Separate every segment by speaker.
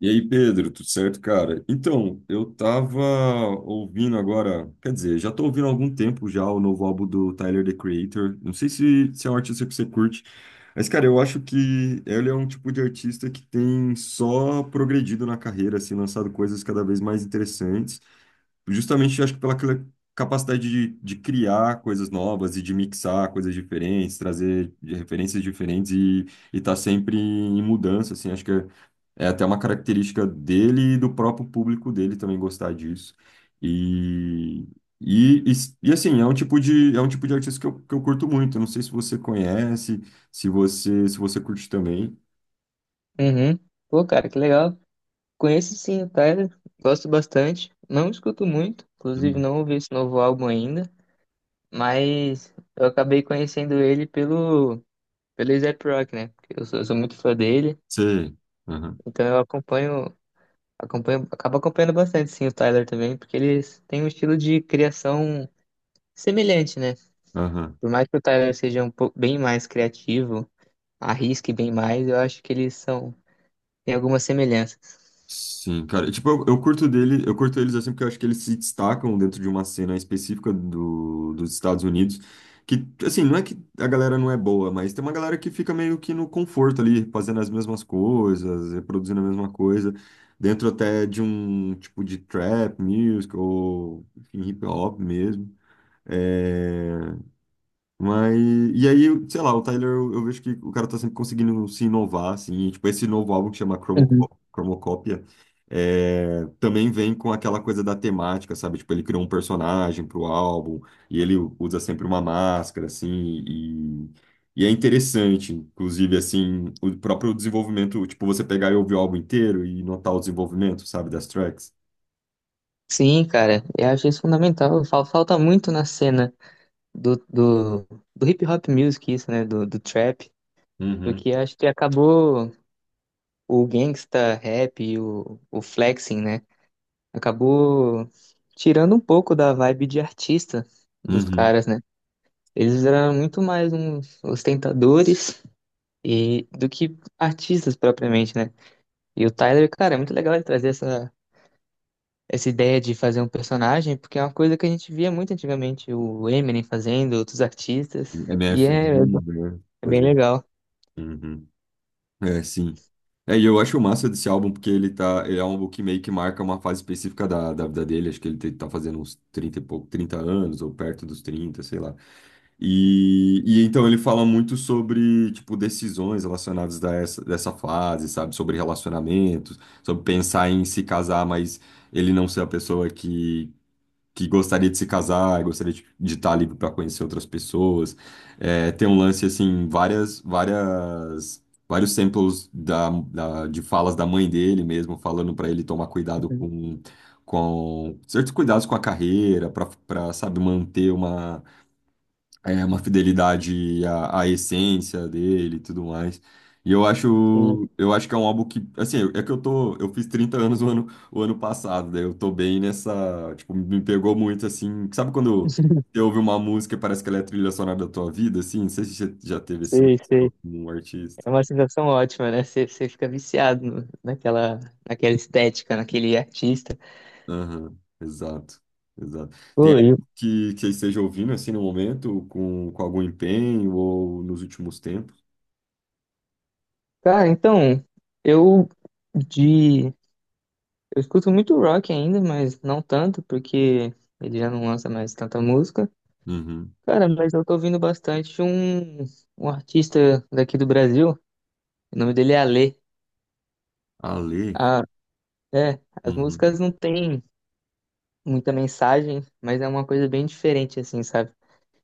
Speaker 1: E aí, Pedro, tudo certo, cara? Então, eu tava ouvindo agora, quer dizer, já tô ouvindo há algum tempo já o novo álbum do Tyler, The Creator. Não sei se é um artista que você curte, mas, cara, eu acho que ele é um tipo de artista que tem só progredido na carreira, assim, lançado coisas cada vez mais interessantes. Justamente, acho que pela aquela capacidade de criar coisas novas e de mixar coisas diferentes, trazer referências diferentes e tá sempre em mudança, assim, acho que é até uma característica dele e do próprio público dele também gostar disso. E, e, e, assim, é um tipo de, é um tipo de artista que eu curto muito. Eu não sei se você conhece, se você curte também.
Speaker 2: Uhum. Pô, cara, que legal. Conheço sim o Tyler, gosto bastante. Não escuto muito, inclusive não ouvi esse novo álbum ainda, mas eu acabei conhecendo ele pelo A$AP Rock, né? Porque eu sou muito fã dele,
Speaker 1: Você. Aham,
Speaker 2: então eu acompanho, acompanho, acabo acompanhando bastante sim o Tyler também, porque eles têm um estilo de criação semelhante, né?
Speaker 1: aham.
Speaker 2: Por mais que o Tyler seja um pouco bem mais criativo, arrisque bem mais, eu acho que eles são, têm algumas semelhanças.
Speaker 1: Sim, cara. E, tipo, eu curto dele, eu curto eles assim porque eu acho que eles se destacam dentro de uma cena específica dos Estados Unidos. Que, assim, não é que a galera não é boa, mas tem uma galera que fica meio que no conforto ali, fazendo as mesmas coisas, reproduzindo a mesma coisa, dentro até de um tipo de trap music ou enfim, hip hop mesmo. eh, mas, e aí, sei lá, o Tyler, eu vejo que o cara tá sempre conseguindo se inovar, assim, e, tipo, esse novo álbum que chama Cromocópia, é, também vem com aquela coisa da temática, sabe? Tipo, ele criou um personagem pro álbum, e ele usa sempre uma máscara, assim, e, e é interessante, inclusive, assim, o próprio desenvolvimento, tipo, você pegar e ouvir o álbum inteiro e notar o desenvolvimento, sabe, das tracks.
Speaker 2: Sim, cara, eu acho isso fundamental. Falta muito na cena do, do, do hip hop music, isso, né? Do trap,
Speaker 1: Uhum.
Speaker 2: porque acho que acabou o gangsta rap e o flexing, né? Acabou tirando um pouco da vibe de artista dos
Speaker 1: Uhum.
Speaker 2: caras, né? Eles eram muito mais uns ostentadores e do que artistas propriamente, né? E o Tyler, cara, é muito legal ele trazer essa ideia de fazer um personagem, porque é uma coisa que a gente via muito antigamente, o Eminem fazendo, outros artistas, e
Speaker 1: MF, né?
Speaker 2: é
Speaker 1: Pois
Speaker 2: bem
Speaker 1: é.
Speaker 2: legal.
Speaker 1: Uhum. É, sim. É, e eu acho massa desse álbum porque ele tá, ele é um álbum que meio que marca uma fase específica da vida dele, acho que ele tá fazendo uns trinta e pouco, 30 anos ou perto dos 30 sei lá. E então ele fala muito sobre, tipo, decisões relacionadas a essa, dessa fase, sabe? Sobre relacionamentos, sobre pensar em se casar, mas ele não ser a pessoa que gostaria de se casar, gostaria de estar livre para conhecer outras pessoas. É, tem um lance assim, vários samples de falas da mãe dele mesmo, falando para ele tomar cuidado
Speaker 2: Uhum,
Speaker 1: com certos cuidados com a carreira, para, sabe, manter é, uma fidelidade à essência dele e tudo mais. E
Speaker 2: sim.
Speaker 1: eu acho que é um álbum que, assim, é que eu tô, eu fiz 30 anos o ano passado, daí eu tô bem nessa, tipo, me pegou muito, assim, sabe quando você ouve uma música e parece que ela é a trilha sonora da tua vida, assim? Não sei se você já teve esse lance
Speaker 2: Sei,
Speaker 1: com
Speaker 2: sei.
Speaker 1: um artista.
Speaker 2: É uma sensação ótima, né? Você fica viciado naquela estética, naquele artista.
Speaker 1: Aham, exato, exato. Tem
Speaker 2: Pô,
Speaker 1: algo que você esteja ouvindo, assim, no momento, com algum empenho ou nos últimos tempos?
Speaker 2: cara, então, eu de. Eu escuto muito rock ainda, mas não tanto, porque ele já não lança mais tanta música.
Speaker 1: Uhum.
Speaker 2: Cara, mas eu tô ouvindo um artista daqui do Brasil. O nome dele é Alê.
Speaker 1: Ale?
Speaker 2: Ah, é, as
Speaker 1: Uhum.
Speaker 2: músicas não têm muita mensagem, mas é uma coisa bem diferente, assim, sabe?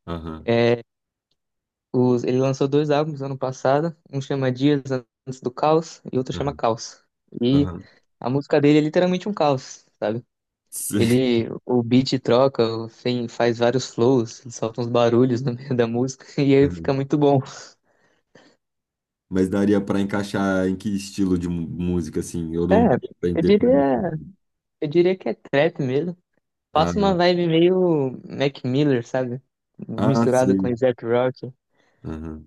Speaker 1: Aham.
Speaker 2: É, Ele lançou dois álbuns ano passado, um chama Dias Antes do Caos e outro chama
Speaker 1: Aham,
Speaker 2: Caos. E
Speaker 1: aham.
Speaker 2: a música dele é literalmente um caos, sabe?
Speaker 1: Sim,
Speaker 2: Ele, o beat troca, faz vários flows, ele solta uns barulhos no meio da música e aí fica
Speaker 1: aham.
Speaker 2: muito bom.
Speaker 1: Mas daria pra encaixar em que estilo de música, assim? Eu
Speaker 2: É,
Speaker 1: não daria pra
Speaker 2: eu
Speaker 1: definir.
Speaker 2: diria, eu diria que é trap mesmo. Passa uma
Speaker 1: Ah,
Speaker 2: vibe meio Mac Miller, sabe?
Speaker 1: ah,
Speaker 2: Misturado com
Speaker 1: sei.
Speaker 2: Zac Rock.
Speaker 1: Aham,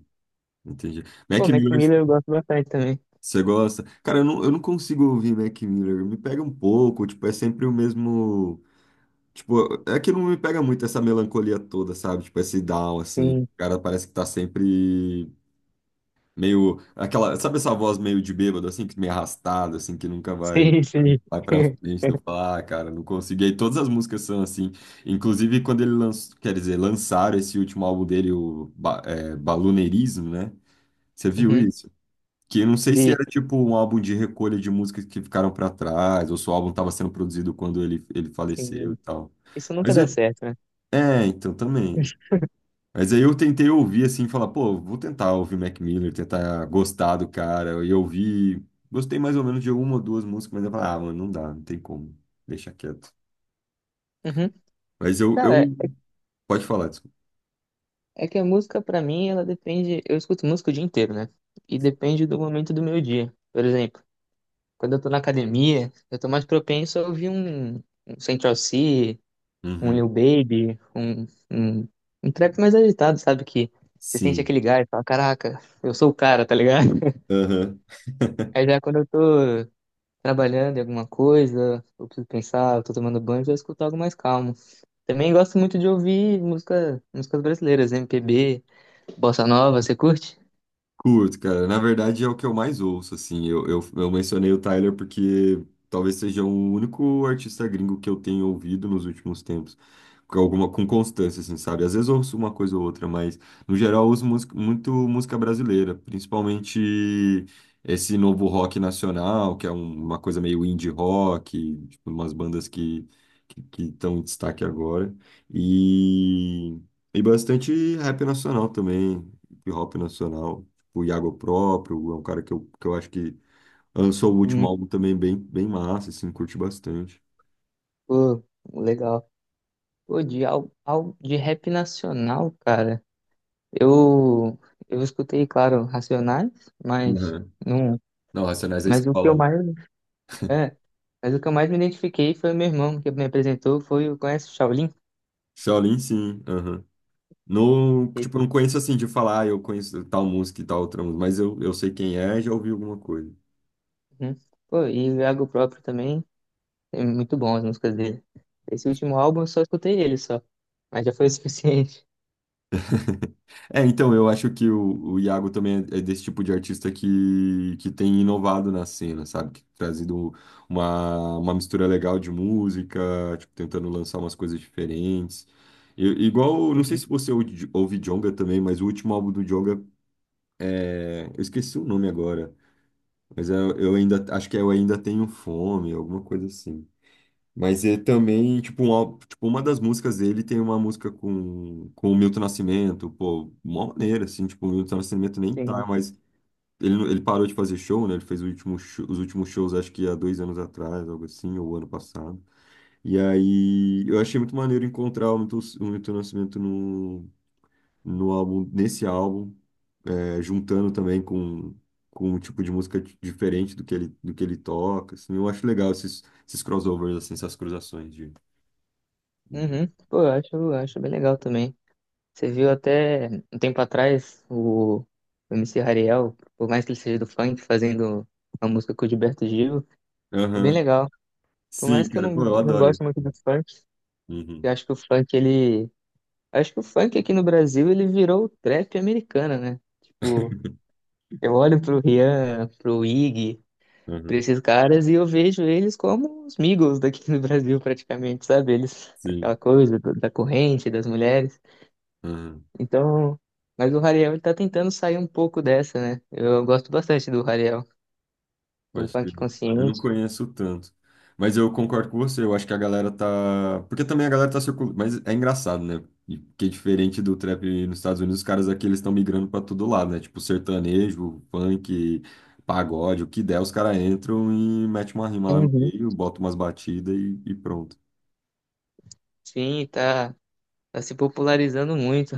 Speaker 1: entendi. Mac
Speaker 2: Pô, Mac
Speaker 1: Miller,
Speaker 2: Miller eu gosto bastante também.
Speaker 1: você gosta? Cara, eu não consigo ouvir Mac Miller. Me pega um pouco, tipo, é sempre o mesmo. Tipo, é que não me pega muito essa melancolia toda, sabe? Tipo, esse down, assim.
Speaker 2: Sim,
Speaker 1: O cara parece que tá sempre. Meio aquela, sabe essa voz meio de bêbado, assim, que meio arrastada, assim, que nunca vai,
Speaker 2: sim.
Speaker 1: vai pra frente. Eu falo, ah, cara, não consegui. E aí todas as músicas são assim. Inclusive, quando ele lançou, quer dizer, lançaram esse último álbum dele, o é, Baloneirismo, né? Você viu
Speaker 2: Uhum,
Speaker 1: isso? Que eu não sei se
Speaker 2: vi.
Speaker 1: era tipo um álbum de recolha de músicas que ficaram pra trás, ou se o álbum tava sendo produzido quando ele faleceu e
Speaker 2: Sim.
Speaker 1: tal.
Speaker 2: Isso nunca
Speaker 1: Mas
Speaker 2: dá
Speaker 1: eu-
Speaker 2: certo, né?
Speaker 1: É, então também. Mas aí eu tentei ouvir assim, falar, pô, vou tentar ouvir Mac Miller, tentar gostar do cara. E eu ouvi, gostei mais ou menos de uma ou duas músicas, mas eu falei, ah, mano, não dá, não tem como, deixa quieto.
Speaker 2: Uhum.
Speaker 1: Mas eu, eu...
Speaker 2: Cara,
Speaker 1: Pode falar, desculpa.
Speaker 2: é que a música pra mim, ela depende. Eu escuto música o dia inteiro, né? E depende do momento do meu dia. Por exemplo, quando eu tô na academia, eu tô mais propenso a ouvir um Central C, um
Speaker 1: Uhum.
Speaker 2: Lil Baby, um, um trap mais agitado, sabe? Que você sente
Speaker 1: Sim.
Speaker 2: aquele gás, e fala, caraca, eu sou o cara, tá ligado?
Speaker 1: Aham.
Speaker 2: Aí já quando eu tô trabalhando em alguma coisa, eu preciso pensar, eu tô tomando banho, eu já escuto algo mais calmo. Também gosto muito de ouvir músicas brasileiras, MPB, bossa nova, você curte?
Speaker 1: Curto, cara. Na verdade, é o que eu mais ouço, assim. Eu mencionei o Tyler porque talvez seja o único artista gringo que eu tenho ouvido nos últimos tempos. Com alguma, com constância, assim, sabe? Às vezes eu ouço uma coisa ou outra, mas no geral eu ouço música, muito música brasileira, principalmente esse novo rock nacional, que é uma coisa meio indie rock, tipo, umas bandas que estão em destaque agora. E, e bastante rap nacional também, hip hop nacional o Iago próprio, é um cara que eu acho que lançou o último
Speaker 2: Hum,
Speaker 1: álbum também bem, bem massa, assim, curti bastante.
Speaker 2: pô, legal. Pô, de rap nacional, cara, eu, eu escutei, claro, Racionais, mas
Speaker 1: Uhum.
Speaker 2: não...
Speaker 1: Não, Racionais é
Speaker 2: Mas o que
Speaker 1: escola,
Speaker 2: eu
Speaker 1: né?
Speaker 2: mais É, mas o que eu mais me identifiquei foi o meu irmão que me apresentou, foi o conhece o Shaolin?
Speaker 1: Shaolin, sim, aham. Não,
Speaker 2: Esse,
Speaker 1: tipo, eu não conheço assim de falar, ah, eu conheço tal música e tal outra música, mas eu sei quem é e já ouvi alguma coisa.
Speaker 2: né? Pô, e o Iago próprio também, é muito bom as músicas dele. Esse último álbum eu só escutei ele só, mas já foi o suficiente.
Speaker 1: É, então, eu acho que o Iago também é desse tipo de artista que tem inovado na cena, sabe? Que tem trazido uma mistura legal de música, tipo, tentando lançar umas coisas diferentes. Igual, não sei
Speaker 2: Uhum,
Speaker 1: se você ouve, ouve Djonga também, mas o último álbum do Djonga é... Eu esqueci o nome agora, mas é- eu ainda, acho que é Eu Ainda Tenho Fome, alguma coisa assim. Mas é também, tipo, um álbum- tipo, uma das músicas dele tem uma música com o Milton Nascimento, pô, mó maneira, assim, tipo, o Milton Nascimento nem tá,
Speaker 2: sim.
Speaker 1: mas ele, não- ele parou de fazer show, né? Ele fez o último os últimos shows, acho que há dois anos atrás, algo assim, ou ano passado. E aí eu achei muito maneiro encontrar o Milton Nascimento no álbum, nesse álbum, é, juntando também com um tipo de música diferente do que ele toca, assim, eu acho legal esses, esses crossovers, assim, essas cruzações de.
Speaker 2: Uhum. Pô, eu acho bem legal também. Você viu até um tempo atrás o M C Hariel, por mais que ele seja do funk, fazendo uma música com o Gilberto Gil, é bem
Speaker 1: Aham.
Speaker 2: legal. Por mais
Speaker 1: Sim,
Speaker 2: que eu
Speaker 1: cara, pô, eu
Speaker 2: não
Speaker 1: adoro
Speaker 2: goste muito do
Speaker 1: isso.
Speaker 2: funk, eu
Speaker 1: Uhum.
Speaker 2: acho que o funk ele Acho que o funk aqui no Brasil ele virou o trap americano, né? Tipo, eu olho pro Rian, pro Ig, pra
Speaker 1: Aham.
Speaker 2: esses caras e eu vejo eles como os Migos daqui no Brasil, praticamente, sabe? Eles,
Speaker 1: Sim.
Speaker 2: aquela da corrente, das mulheres.
Speaker 1: Aham.
Speaker 2: Então, mas o Hariel ele tá tentando sair um pouco dessa, né? Eu gosto bastante do Hariel, de um
Speaker 1: Acho que
Speaker 2: funk
Speaker 1: eu não
Speaker 2: consciente.
Speaker 1: conheço tanto. Mas eu concordo com você, eu acho que a galera tá. Porque também a galera tá circulando. Mas é engraçado, né? E que é diferente do trap nos Estados Unidos, os caras aqui eles estão migrando pra todo lado, né? Tipo, sertanejo, funk, pagode, o que der, os caras entram e metem uma rima lá no
Speaker 2: Uhum.
Speaker 1: meio, botam umas batidas e pronto.
Speaker 2: Sim, tá se popularizando muito.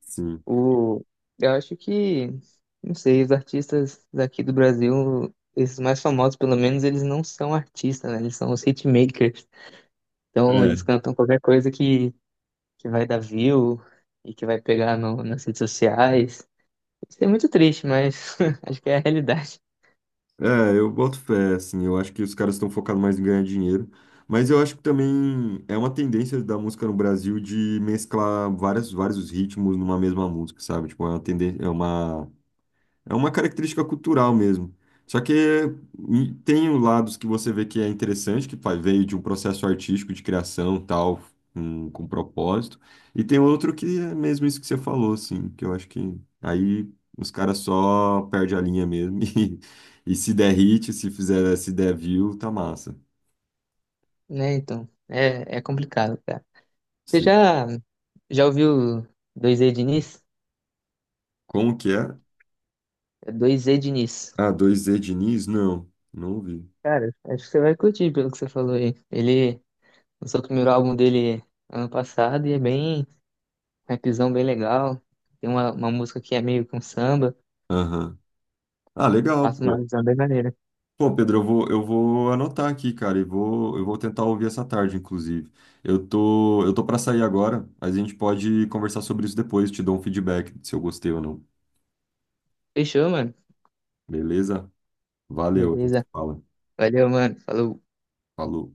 Speaker 1: Sim.
Speaker 2: O, eu acho que, não sei, os artistas daqui do Brasil, esses mais famosos, pelo menos, eles não são artistas, né? Eles são os hitmakers. Então, eles
Speaker 1: É.
Speaker 2: cantam qualquer coisa que vai dar view e que vai pegar no, nas redes sociais. Isso é muito triste, mas acho que é a realidade,
Speaker 1: É, eu boto fé, assim, eu acho que os caras estão focados mais em ganhar dinheiro, mas eu acho que também é uma tendência da música no Brasil de mesclar várias, vários ritmos numa mesma música, sabe? Tipo, é uma tendência, é uma característica cultural mesmo. Só que e, tem os lados que você vê que é interessante, que vai- veio de um processo artístico de criação, tal, com propósito. E tem outro que é mesmo isso que você falou, assim, que eu acho que aí os caras só perdem a linha mesmo e se der hit, se fizer, se der view, tá massa.
Speaker 2: né? Então, é complicado, cara. Você
Speaker 1: Sim.
Speaker 2: já ouviu dois e Diniz?
Speaker 1: Como que é?
Speaker 2: É 2E Diniz.
Speaker 1: Ah, dois z Diniz? Não, não ouvi.
Speaker 2: Cara, acho que você vai curtir pelo que você falou aí. Ele lançou o primeiro álbum dele ano passado e é bem, rapzão bem legal. Tem uma música que é meio que um samba,
Speaker 1: Aham. Ah, legal,
Speaker 2: passa uma
Speaker 1: pô.
Speaker 2: visão bem maneira.
Speaker 1: Pô, Pedro, eu vou anotar aqui, cara, e vou, eu vou tentar ouvir essa tarde, inclusive. Eu tô para sair agora, mas a gente pode conversar sobre isso depois, te dou um feedback se eu gostei ou não.
Speaker 2: Fechou, mano?
Speaker 1: Beleza? Valeu, a gente se
Speaker 2: Beleza.
Speaker 1: fala.
Speaker 2: Valeu, mano. Falou.
Speaker 1: Falou.